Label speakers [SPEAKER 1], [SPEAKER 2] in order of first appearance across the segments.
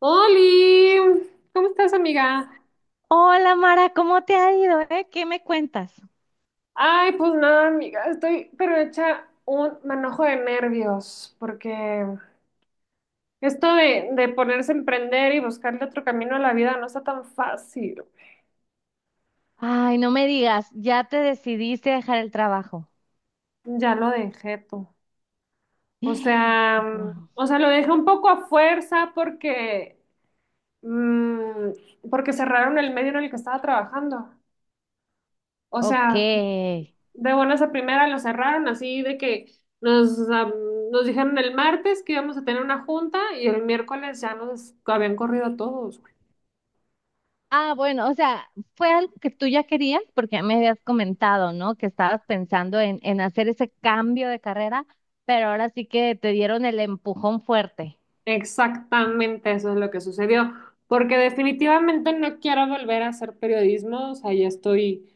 [SPEAKER 1] Oli, ¿cómo estás, amiga?
[SPEAKER 2] Hola Mara, ¿cómo te ha ido, ¿Qué me cuentas?
[SPEAKER 1] Ay, pues nada, amiga, estoy pero hecha un manojo de nervios, porque esto de ponerse a emprender y buscarle otro camino a la vida no está tan fácil.
[SPEAKER 2] Ay, no me digas, ya te decidiste a dejar el trabajo.
[SPEAKER 1] Ya lo dejé tú. O sea,
[SPEAKER 2] Wow.
[SPEAKER 1] o sea, lo dejé un poco a fuerza porque cerraron el medio en el que estaba trabajando. O
[SPEAKER 2] Ok.
[SPEAKER 1] sea, de buenas a primera lo cerraron así de que nos, am, nos dijeron el martes que íbamos a tener una junta y el miércoles ya nos habían corrido a todos, güey.
[SPEAKER 2] Ah, bueno, o sea, fue algo que tú ya querías porque ya me habías comentado, ¿no? Que estabas pensando en hacer ese cambio de carrera, pero ahora sí que te dieron el empujón fuerte.
[SPEAKER 1] Exactamente eso es lo que sucedió, porque definitivamente no quiero volver a hacer periodismo, o sea, ya estoy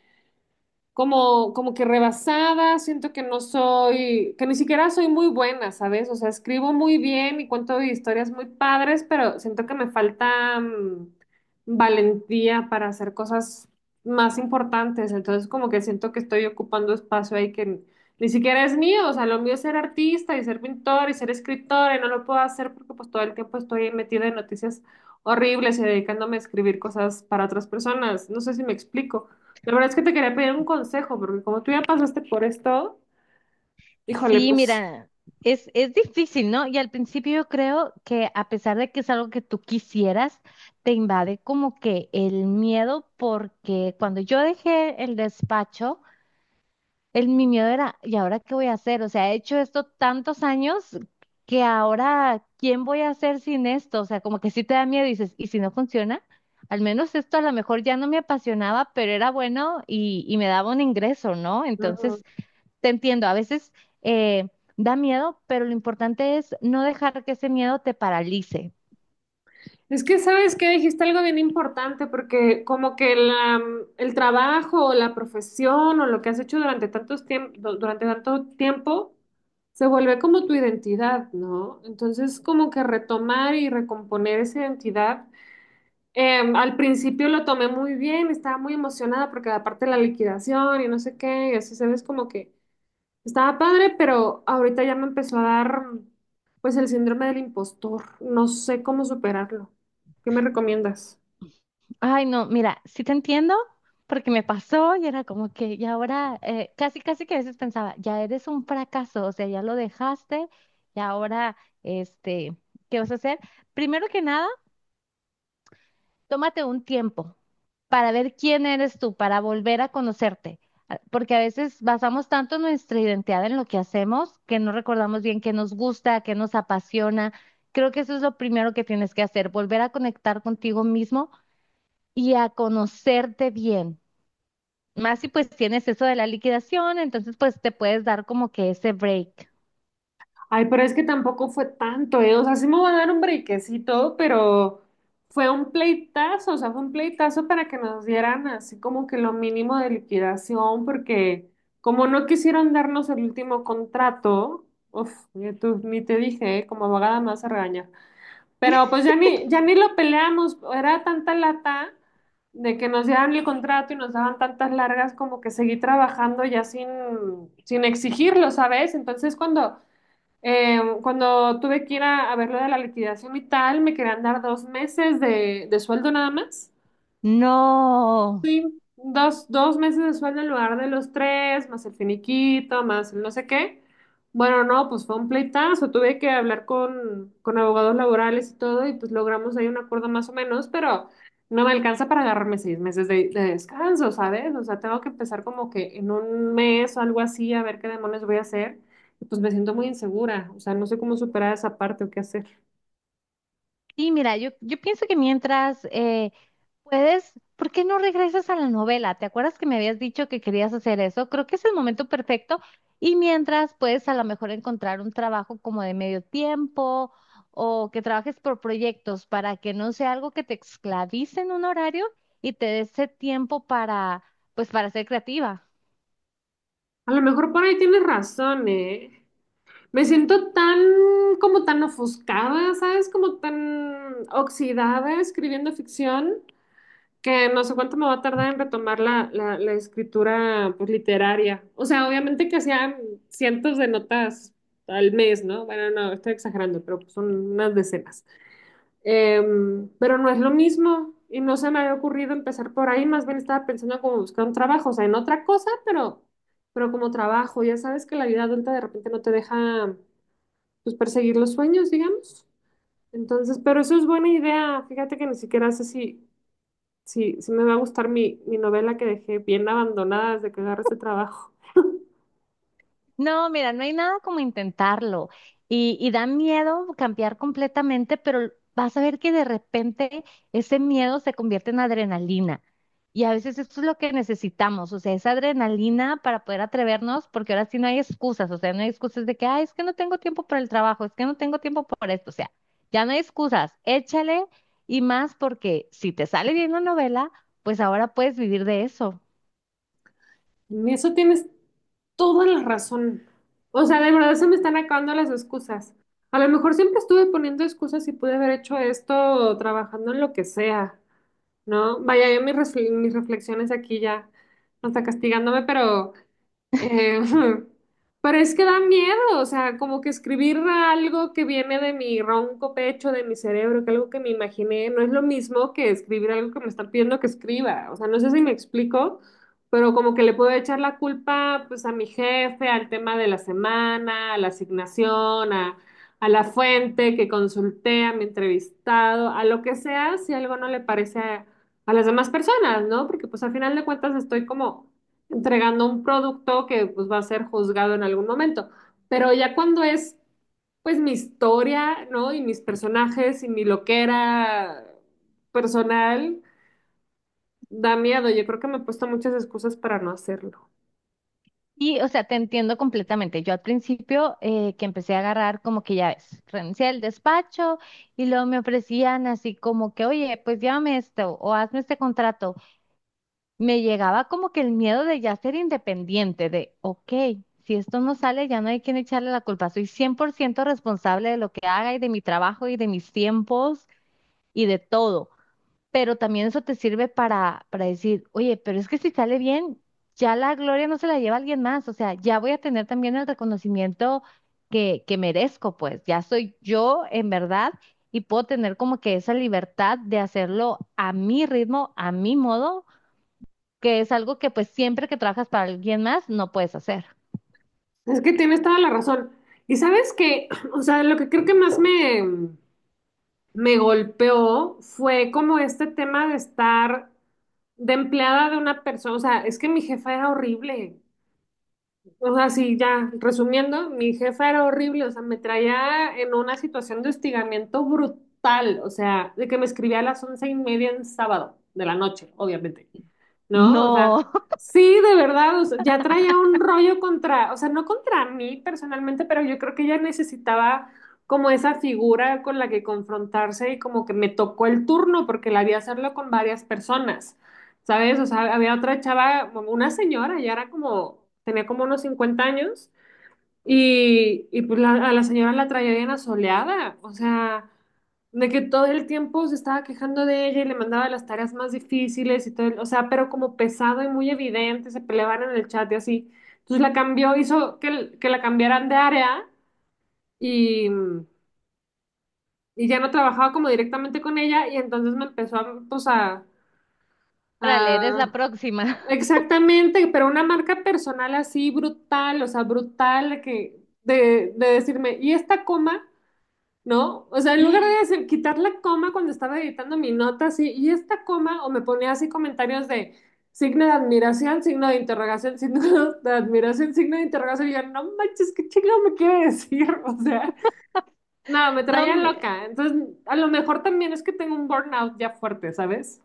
[SPEAKER 1] como que rebasada, siento que no soy, que ni siquiera soy muy buena, ¿sabes? O sea, escribo muy bien y cuento historias muy padres, pero siento que me falta valentía para hacer cosas más importantes, entonces como que siento que estoy ocupando espacio ahí que ni siquiera es mío, o sea, lo mío es ser artista y ser pintor y ser escritora y no lo puedo hacer porque pues todo el tiempo estoy metida en noticias horribles y dedicándome a escribir cosas para otras personas, no sé si me explico. La verdad es que te quería pedir un consejo, porque como tú ya pasaste por esto, híjole,
[SPEAKER 2] Sí,
[SPEAKER 1] pues...
[SPEAKER 2] mira, es difícil, ¿no? Y al principio yo creo que a pesar de que es algo que tú quisieras, te invade como que el miedo, porque cuando yo dejé el despacho, mi miedo era, ¿y ahora qué voy a hacer? O sea, he hecho esto tantos años que ahora, ¿quién voy a hacer sin esto? O sea, como que sí te da miedo y dices, ¿y si no funciona? Al menos esto a lo mejor ya no me apasionaba, pero era bueno y me daba un ingreso, ¿no?
[SPEAKER 1] Ujú.
[SPEAKER 2] Entonces… Te entiendo, a veces eh, da miedo, pero lo importante es no dejar que ese miedo te paralice.
[SPEAKER 1] Es que sabes que dijiste algo bien importante, porque como que el trabajo o la profesión o lo que has hecho durante tanto tiempo se vuelve como tu identidad, ¿no? Entonces, como que retomar y recomponer esa identidad. Al principio lo tomé muy bien, estaba muy emocionada porque aparte la liquidación y no sé qué, y así sabes como que estaba padre, pero ahorita ya me empezó a dar pues el síndrome del impostor. No sé cómo superarlo. ¿Qué me recomiendas?
[SPEAKER 2] Ay, no, mira, sí te entiendo, porque me pasó y era como que, y ahora, casi, casi que a veces pensaba, ya eres un fracaso, o sea, ya lo dejaste, y ahora, este, ¿qué vas a hacer? Primero que nada, tómate un tiempo para ver quién eres tú, para volver a conocerte, porque a veces basamos tanto nuestra identidad en lo que hacemos que no recordamos bien qué nos gusta, qué nos apasiona. Creo que eso es lo primero que tienes que hacer, volver a conectar contigo mismo y a conocerte bien. Más si pues tienes eso de la liquidación, entonces pues te puedes dar como que ese break.
[SPEAKER 1] Ay, pero es que tampoco fue tanto, ¿eh? O sea, sí me va a dar un brequecito, pero fue un pleitazo, o sea, fue un pleitazo para que nos dieran así como que lo mínimo de liquidación, porque como no quisieron darnos el último contrato, uf, ni te dije, ¿eh? Como abogada más a regañar. Pero pues ya ni lo peleamos, era tanta lata de que nos dieran el contrato y nos daban tantas largas como que seguí trabajando ya sin exigirlo, ¿sabes? Entonces cuando tuve que ir a ver lo de la liquidación y tal, me querían dar 2 meses de sueldo nada más.
[SPEAKER 2] No.
[SPEAKER 1] Dos meses de sueldo en lugar de los tres, más el finiquito, más el no sé qué. Bueno, no, pues fue un pleitazo. Tuve que hablar con abogados laborales y todo, y pues logramos ahí un acuerdo más o menos, pero no me alcanza para agarrarme 6 meses de descanso, ¿sabes? O sea, tengo que empezar como que en un mes o algo así a ver qué demonios voy a hacer. Y pues me siento muy insegura. O sea, no sé cómo superar esa parte o qué hacer.
[SPEAKER 2] Sí, mira, yo pienso que mientras… ¿Puedes? ¿Por qué no regresas a la novela? ¿Te acuerdas que me habías dicho que querías hacer eso? Creo que es el momento perfecto. Y mientras puedes a lo mejor encontrar un trabajo como de medio tiempo o que trabajes por proyectos para que no sea algo que te esclavice en un horario y te dé ese tiempo para, pues, para ser creativa.
[SPEAKER 1] A lo mejor por ahí tienes razón, ¿eh? Me siento tan, como tan ofuscada, ¿sabes? Como tan oxidada escribiendo ficción que no sé cuánto me va a tardar en retomar la escritura pues, literaria. O sea, obviamente que hacían cientos de notas al mes, ¿no? Bueno, no, estoy exagerando, pero pues, son unas decenas. Pero no es lo mismo y no se me había ocurrido empezar por ahí, más bien estaba pensando como buscar un trabajo, o sea, en otra cosa, pero, como trabajo. Ya sabes que la vida adulta de repente no te deja pues perseguir los sueños, digamos. Entonces, pero eso es buena idea. Fíjate que ni siquiera sé si me va a gustar mi novela que dejé bien abandonada desde que agarré este trabajo.
[SPEAKER 2] No, mira, no hay nada como intentarlo. Y da miedo cambiar completamente, pero vas a ver que de repente ese miedo se convierte en adrenalina. Y a veces esto es lo que necesitamos, o sea, esa adrenalina para poder atrevernos, porque ahora sí no hay excusas, o sea, no hay excusas de que, ay, es que no tengo tiempo para el trabajo, es que no tengo tiempo para esto, o sea, ya no hay excusas, échale y más porque si te sale bien la novela, pues ahora puedes vivir de eso.
[SPEAKER 1] En eso tienes toda la razón. O sea, de verdad se me están acabando las excusas. A lo mejor siempre estuve poniendo excusas y pude haber hecho esto trabajando en lo que sea, ¿no? Vaya, yo mis reflexiones aquí ya, hasta castigándome, pero... Eh, pero es que da miedo, o sea, como que escribir algo que viene de mi ronco pecho, de mi cerebro, que algo que me imaginé, no es lo mismo que escribir algo que me están pidiendo que escriba. O sea, no sé si me explico, pero como que le puedo echar la culpa pues a mi jefe, al tema de la semana, a la asignación, a, la fuente que consulté, a mi entrevistado, a lo que sea, si algo no le parece a las demás personas, ¿no? Porque pues al final de cuentas estoy como entregando un producto que pues va a ser juzgado en algún momento. Pero ya cuando es pues mi historia, ¿no? Y mis personajes y mi loquera personal, da miedo. Yo creo que me he puesto muchas excusas para no hacerlo.
[SPEAKER 2] Y, o sea, te entiendo completamente. Yo al principio que empecé a agarrar como que ya ves, renuncié al despacho y luego me ofrecían así como que, oye, pues llévame esto o hazme este contrato. Me llegaba como que el miedo de ya ser independiente, de, ok, si esto no sale, ya no hay quien echarle la culpa. Soy 100% responsable de lo que haga y de mi trabajo y de mis tiempos y de todo, pero también eso te sirve para decir, oye, pero es que si sale bien, ya la gloria no se la lleva alguien más, o sea, ya voy a tener también el reconocimiento que merezco, pues ya soy yo en verdad y puedo tener como que esa libertad de hacerlo a mi ritmo, a mi modo, que es algo que pues siempre que trabajas para alguien más no puedes hacer.
[SPEAKER 1] Es que tienes toda la razón. Y sabes que, o sea, lo que creo que más me golpeó fue como este tema de estar de empleada de una persona. O sea, es que mi jefa era horrible. O sea, sí, ya, resumiendo, mi jefa era horrible, o sea, me traía en una situación de hostigamiento brutal, o sea, de que me escribía a las 11:30 en sábado de la noche, obviamente, ¿no? O sea,
[SPEAKER 2] No,
[SPEAKER 1] sí, de verdad, o sea, ya traía un rollo contra, o sea, no contra mí personalmente, pero yo creo que ella necesitaba como esa figura con la que confrontarse y como que me tocó el turno porque la vi hacerlo con varias personas, ¿sabes? O sea, había otra chava, una señora, ya era como, tenía como unos 50 años y pues a la señora la traía bien asoleada, o sea, de que todo el tiempo se estaba quejando de ella y le mandaba las tareas más difíciles y todo, o sea, pero como pesado y muy evidente, se peleaban en el chat y así. Entonces la cambió, hizo que, que la cambiaran de área y, y ya no trabajaba como directamente con ella y entonces me empezó a, pues a,
[SPEAKER 2] para leer es la
[SPEAKER 1] a-
[SPEAKER 2] próxima.
[SPEAKER 1] Exactamente, pero una marca personal así brutal, o sea, brutal, de decirme, ¿y esta coma? ¿No? O sea, en lugar de decir, quitar la coma cuando estaba editando mi nota, así, y esta coma, o me ponía así comentarios de signo de admiración, signo de interrogación, signo de admiración, signo de interrogación, y yo, no manches, ¿qué chingado me quiere decir? O sea, no, me
[SPEAKER 2] No,
[SPEAKER 1] traía loca. Entonces, a lo mejor también es que tengo un burnout ya fuerte, ¿sabes?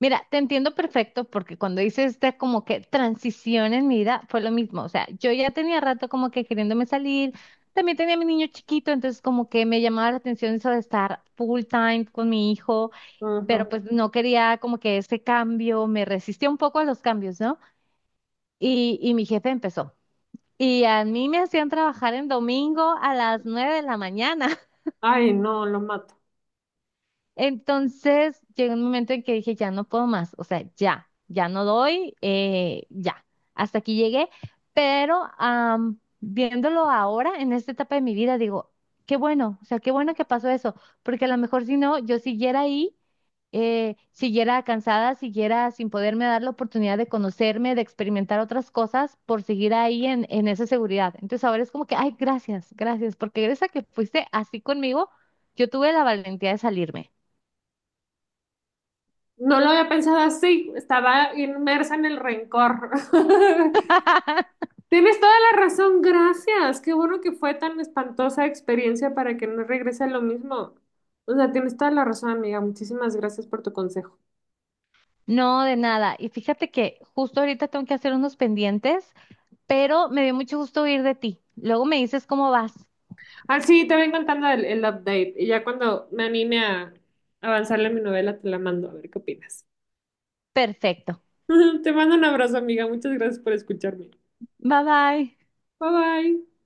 [SPEAKER 2] mira, te entiendo perfecto porque cuando hice esta como que transición en mi vida fue lo mismo. O sea, yo ya tenía rato como que queriéndome salir. También tenía a mi niño chiquito, entonces como que me llamaba la atención eso de estar full time con mi hijo,
[SPEAKER 1] Ujú.
[SPEAKER 2] pero pues no quería como que ese cambio, me resistía un poco a los cambios, ¿no? Y mi jefe empezó. Y a mí me hacían trabajar en domingo a las nueve de la mañana.
[SPEAKER 1] Ay, no, lo mato.
[SPEAKER 2] Entonces llegó un momento en que dije, ya no puedo más, o sea, ya, ya no doy, ya, hasta aquí llegué, pero viéndolo ahora, en esta etapa de mi vida, digo, qué bueno, o sea, qué bueno que pasó eso, porque a lo mejor si no, yo siguiera ahí, siguiera cansada, siguiera sin poderme dar la oportunidad de conocerme, de experimentar otras cosas, por seguir ahí en esa seguridad. Entonces ahora es como que, ay, gracias, gracias, porque gracias a que fuiste así conmigo, yo tuve la valentía de salirme.
[SPEAKER 1] No lo había pensado así, estaba inmersa en el rencor. Tienes toda la razón, gracias. Qué bueno que fue tan espantosa experiencia para que no regrese a lo mismo. O sea, tienes toda la razón, amiga. Muchísimas gracias por tu consejo.
[SPEAKER 2] No, de nada. Y fíjate que justo ahorita tengo que hacer unos pendientes, pero me dio mucho gusto oír de ti. Luego me dices cómo vas.
[SPEAKER 1] Ah, sí, te voy contando el update y ya cuando me anime a avanzarle en mi novela te la mando a ver qué opinas.
[SPEAKER 2] Perfecto.
[SPEAKER 1] Te mando un abrazo, amiga. Muchas gracias por escucharme.
[SPEAKER 2] Bye bye.
[SPEAKER 1] Bye bye.